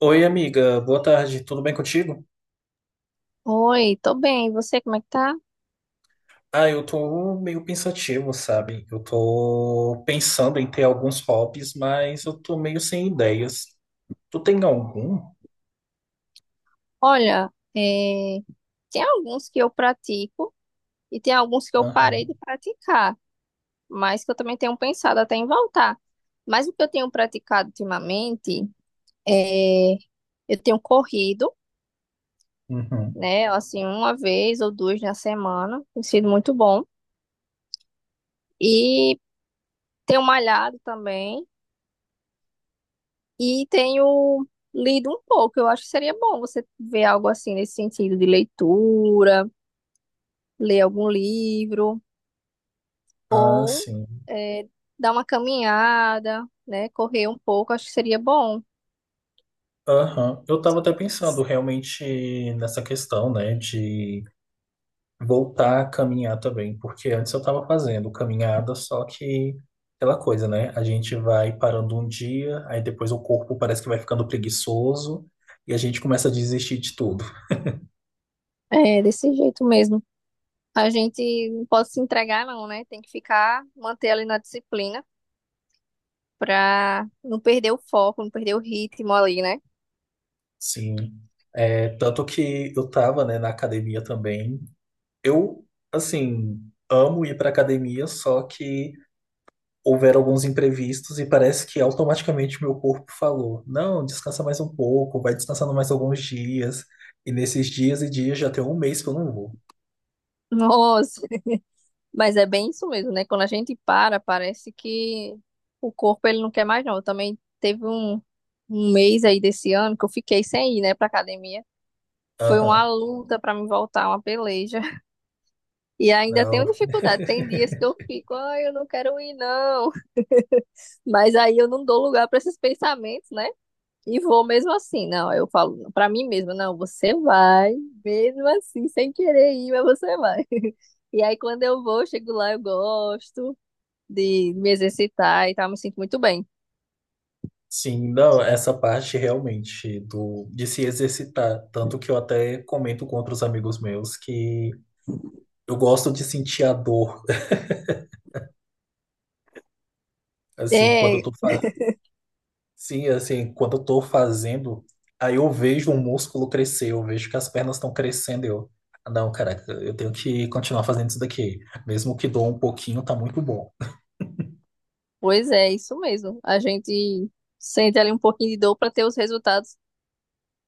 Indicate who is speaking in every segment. Speaker 1: Oi, amiga, boa tarde, tudo bem contigo?
Speaker 2: Oi, tô bem. E você, como é que tá?
Speaker 1: Ah, eu tô meio pensativo, sabe? Eu tô pensando em ter alguns hobbies, mas eu tô meio sem ideias. Tu tem algum?
Speaker 2: Olha, tem alguns que eu pratico e tem alguns que eu
Speaker 1: Aham,
Speaker 2: parei de praticar, mas que eu também tenho pensado até em voltar. Mas o que eu tenho praticado ultimamente é eu tenho corrido,
Speaker 1: uhum.
Speaker 2: né? Assim, uma vez ou duas na semana, tem sido muito bom. E tenho malhado também e tenho lido um pouco. Eu acho que seria bom você ver algo assim nesse sentido de leitura, ler algum livro.
Speaker 1: Ah,
Speaker 2: Ou
Speaker 1: sim.
Speaker 2: é, dar uma caminhada, né? Correr um pouco, acho que seria bom.
Speaker 1: Aham. Eu tava até pensando realmente nessa questão, né, de voltar a caminhar também, porque antes eu estava fazendo caminhada, só que aquela coisa, né? A gente vai parando um dia, aí depois o corpo parece que vai ficando preguiçoso e a gente começa a desistir de tudo.
Speaker 2: É, desse jeito mesmo. A gente não pode se entregar, não, né? Tem que ficar, manter ali na disciplina pra não perder o foco, não perder o ritmo ali, né?
Speaker 1: Sim. É, tanto que eu tava, né, na academia também. Eu, assim, amo ir pra academia, só que houveram alguns imprevistos e parece que automaticamente meu corpo falou: não, descansa mais um pouco, vai descansando mais alguns dias. E nesses dias e dias já tem um mês que eu não vou.
Speaker 2: Nossa, mas é bem isso mesmo, né? Quando a gente para, parece que o corpo ele não quer mais, não. Eu também teve um mês aí desse ano que eu fiquei sem ir, né, pra academia. Foi uma
Speaker 1: Aham,
Speaker 2: luta pra me voltar, uma peleja. E ainda tenho
Speaker 1: não.
Speaker 2: dificuldade. Tem dias que eu fico, ai, eu não quero ir, não. Mas aí eu não dou lugar para esses pensamentos, né? E vou mesmo assim. Não, eu falo para mim mesma, não, você vai, mesmo assim, sem querer ir, mas você vai. E aí quando eu vou, eu chego lá, eu gosto de me exercitar e tal, me sinto muito bem.
Speaker 1: Sim, não, essa parte realmente do, de se exercitar. Tanto que eu até comento com outros amigos meus que eu gosto de sentir a dor, assim, quando eu
Speaker 2: É,
Speaker 1: tô, Sim, assim, quando eu tô fazendo, aí eu vejo o músculo crescer, eu vejo que as pernas estão crescendo, eu, "Ah, não, caraca, eu tenho que continuar fazendo isso daqui, mesmo que doa um pouquinho, tá muito bom.
Speaker 2: pois é, isso mesmo. A gente sente ali um pouquinho de dor para ter os resultados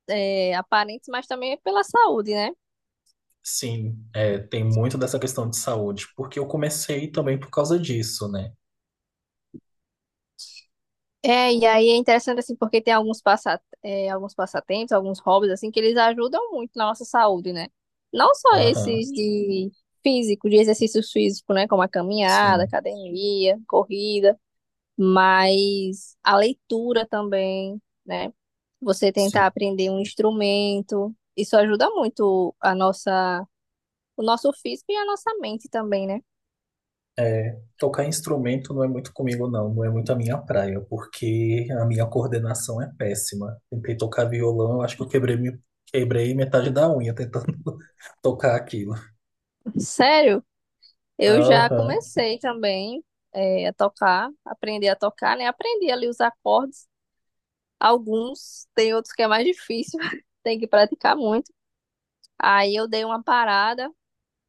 Speaker 2: aparentes, mas também é pela saúde, né?
Speaker 1: Sim, é, tem muito dessa questão de saúde, porque eu comecei também por causa disso, né?
Speaker 2: É, e aí é interessante assim, porque tem alguns passatempos, alguns hobbies assim, que eles ajudam muito na nossa saúde, né? Não só
Speaker 1: Aham,
Speaker 2: esses de físico, de exercícios físicos, né? Como a caminhada,
Speaker 1: sim,
Speaker 2: academia, corrida, mas a leitura também, né? Você
Speaker 1: sim.
Speaker 2: tentar aprender um instrumento, isso ajuda muito o nosso físico e a nossa mente também, né?
Speaker 1: É, tocar instrumento não é muito comigo, não. Não é muito a minha praia, porque a minha coordenação é péssima. Tentei tocar violão, eu acho que eu quebrei, quebrei metade da unha tentando tocar aquilo.
Speaker 2: Sério? Eu já
Speaker 1: Aham.
Speaker 2: comecei também aprender a tocar, né? Aprendi ali os acordes, alguns, tem outros que é mais difícil, tem que praticar muito. Aí eu dei uma parada,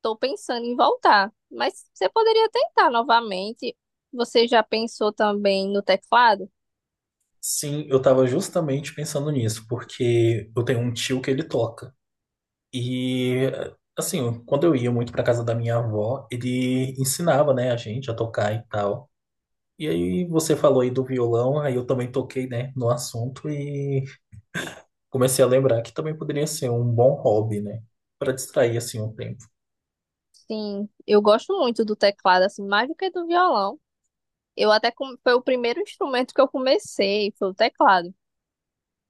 Speaker 2: tô pensando em voltar. Mas você poderia tentar novamente. Você já pensou também no teclado?
Speaker 1: Sim, eu tava justamente pensando nisso, porque eu tenho um tio que ele toca. E, assim, quando eu ia muito pra casa da minha avó, ele ensinava, né, a gente a tocar e tal. E aí você falou aí do violão, aí eu também toquei, né, no assunto e comecei a lembrar que também poderia ser um bom hobby, né? Para distrair assim o tempo.
Speaker 2: Sim, eu gosto muito do teclado, assim, mais do que do violão. Eu até foi o primeiro instrumento que eu comecei, foi o teclado.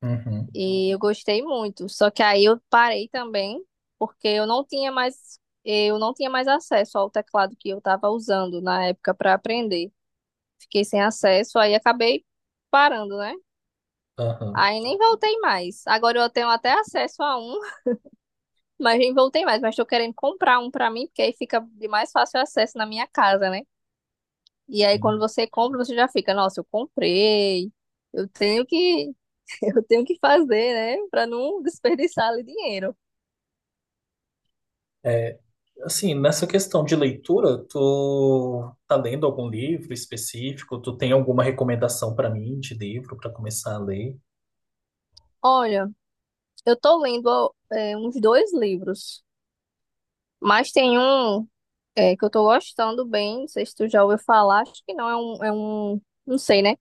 Speaker 1: Uhum,
Speaker 2: E eu gostei muito. Só que aí eu parei também, porque eu não tinha mais acesso ao teclado que eu estava usando na época para aprender. Fiquei sem acesso, aí acabei parando, né?
Speaker 1: aham,
Speaker 2: Aí nem voltei mais. Agora eu tenho até acesso a um, mas nem voltei mais. Mas estou querendo comprar um para mim, porque aí fica de mais fácil acesso na minha casa, né? E aí
Speaker 1: sim.
Speaker 2: quando você compra, você já fica, nossa, eu comprei. Eu tenho que, eu tenho que fazer, né? Para não desperdiçar ali dinheiro.
Speaker 1: É, assim, nessa questão de leitura, tu tá lendo algum livro específico? Tu tem alguma recomendação para mim de livro para começar a ler?
Speaker 2: Olha, eu tô lendo uns dois livros, mas tem um que eu tô gostando bem, não sei se tu já ouviu falar, acho que não, não sei, né?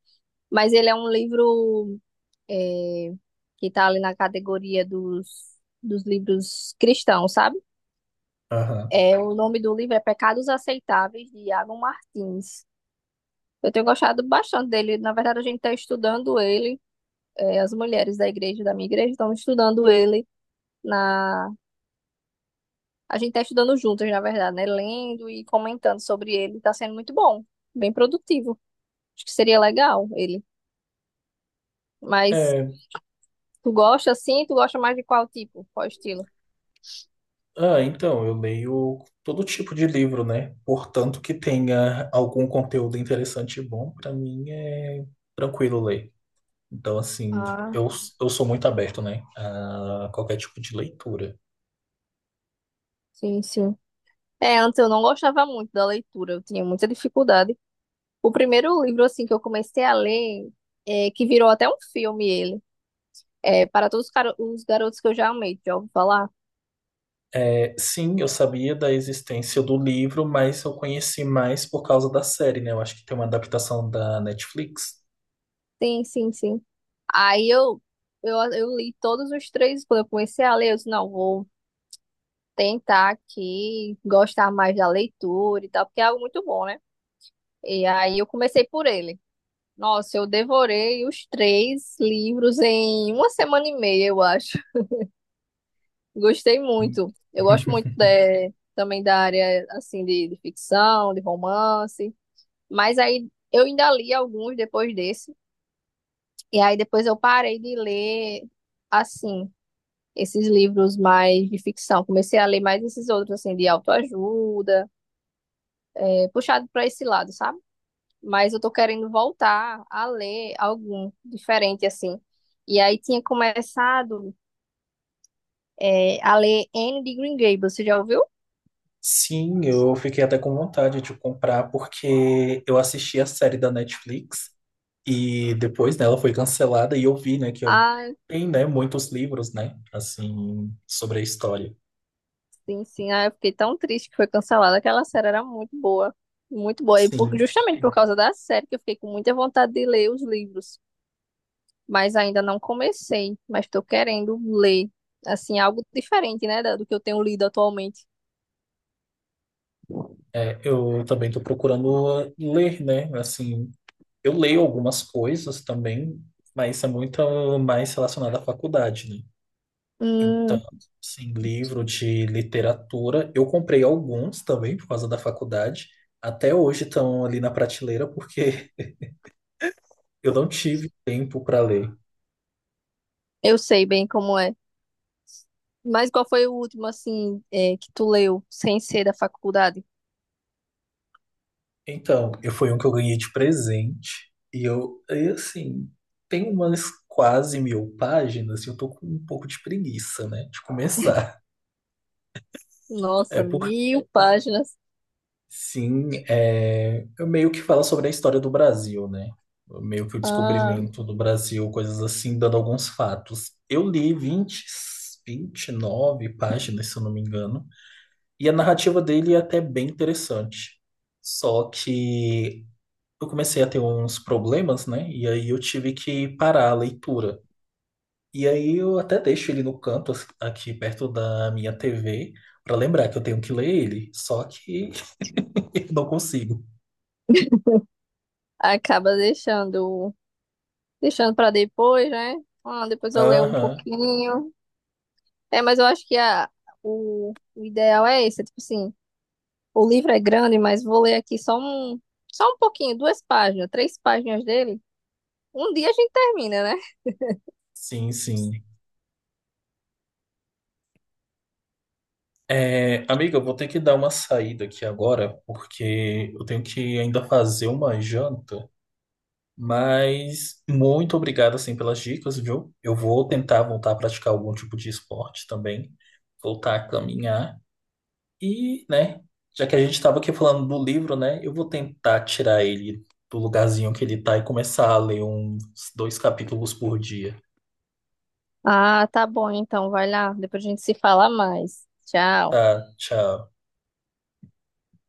Speaker 2: Mas ele é um livro é, que tá ali na categoria dos livros cristãos, sabe?
Speaker 1: Aham.
Speaker 2: É, o nome do livro é Pecados Aceitáveis, de Iago Martins. Eu tenho gostado bastante dele, na verdade a gente tá estudando ele, as mulheres da igreja, da minha igreja, estão estudando ele. Na A gente tá estudando juntas, na verdade, né? Lendo e comentando sobre ele. Tá sendo muito bom, bem produtivo. Acho que seria legal ele. Mas
Speaker 1: É,
Speaker 2: tu gosta assim? Tu gosta mais de qual tipo? Qual estilo?
Speaker 1: ah, então, eu leio todo tipo de livro, né? Portanto, que tenha algum conteúdo interessante e bom, pra mim é tranquilo ler. Então, assim,
Speaker 2: Ah,
Speaker 1: eu sou muito aberto, né? A qualquer tipo de leitura.
Speaker 2: sim, sim. É, antes eu não gostava muito da leitura, eu tinha muita dificuldade. O primeiro livro, assim, que eu comecei a ler, que virou até um filme ele, é Para Todos os os Garotos que Eu Já Amei, já ouviu falar?
Speaker 1: É, sim, eu sabia da existência do livro, mas eu conheci mais por causa da série, né? Eu acho que tem uma adaptação da Netflix.
Speaker 2: Sim, sim, sim. Aí eu li todos os três, quando eu comecei a ler, eu disse, não, vou tentar aqui gostar mais da leitura e tal, porque é algo muito bom, né? E aí eu comecei por ele. Nossa, eu devorei os três livros em uma semana e meia, eu acho. Gostei muito. Eu gosto muito também da área assim de ficção, de romance. Mas aí eu ainda li alguns depois desse. E aí depois eu parei de ler assim esses livros mais de ficção. Comecei a ler mais esses outros assim de autoajuda puxado para esse lado, sabe? Mas eu tô querendo voltar a ler algum diferente, assim. E aí tinha começado a ler Anne de Green Gables, você já ouviu?
Speaker 1: Sim, eu fiquei até com vontade de comprar porque eu assisti a série da Netflix. E depois, né, ela foi cancelada e eu vi, né, que
Speaker 2: Ah,
Speaker 1: tem, né, muitos livros, né, assim, sobre a história.
Speaker 2: sim, sim. Ah, eu fiquei tão triste que foi cancelada. Aquela série era muito boa, muito boa. E
Speaker 1: Sim,
Speaker 2: justamente por causa da série que eu fiquei com muita vontade de ler os livros. Mas ainda não comecei, mas estou querendo ler, assim, algo diferente, né, do que eu tenho lido atualmente.
Speaker 1: é, eu também estou procurando ler, né, assim, eu leio algumas coisas também, mas é muito mais relacionado à faculdade, né. Então,
Speaker 2: Hum,
Speaker 1: assim, livro de literatura, eu comprei alguns também por causa da faculdade. Até hoje estão ali na prateleira porque eu não tive tempo para ler.
Speaker 2: eu sei bem como é. Mas qual foi o último, assim, que tu leu, sem ser da faculdade?
Speaker 1: Então, eu foi um que eu ganhei de presente. E eu, e assim, tem umas quase 1.000 páginas e eu tô com um pouco de preguiça, né, de começar. É
Speaker 2: Nossa,
Speaker 1: porque,
Speaker 2: 1.000 páginas.
Speaker 1: sim, é, eu meio que fala sobre a história do Brasil, né? Meio que o
Speaker 2: Ah,
Speaker 1: descobrimento do Brasil, coisas assim, dando alguns fatos. Eu li 29 páginas, se eu não me engano, e a narrativa dele é até bem interessante. Só que eu comecei a ter uns problemas, né? E aí eu tive que parar a leitura. E aí eu até deixo ele no canto, assim, aqui perto da minha TV, para lembrar que eu tenho que ler ele. Só que eu não consigo.
Speaker 2: acaba deixando para depois, né? Ah, depois eu leio um
Speaker 1: Aham,
Speaker 2: pouquinho. É, mas eu acho que o ideal é esse, é tipo assim, o livro é grande, mas vou ler aqui só um pouquinho, duas páginas, três páginas dele. Um dia a gente termina, né?
Speaker 1: sim, sim. É, amiga, eu vou ter que dar uma saída aqui agora, porque eu tenho que ainda fazer uma janta. Mas muito obrigado, assim, pelas dicas, viu? Eu vou tentar voltar a praticar algum tipo de esporte também, voltar a caminhar. E, né, já que a gente estava aqui falando do livro, né, eu vou tentar tirar ele do lugarzinho que ele tá e começar a ler uns dois capítulos por dia.
Speaker 2: Ah, tá bom, então vai lá. Depois a gente se fala mais. Tchau.
Speaker 1: Tá, tchau.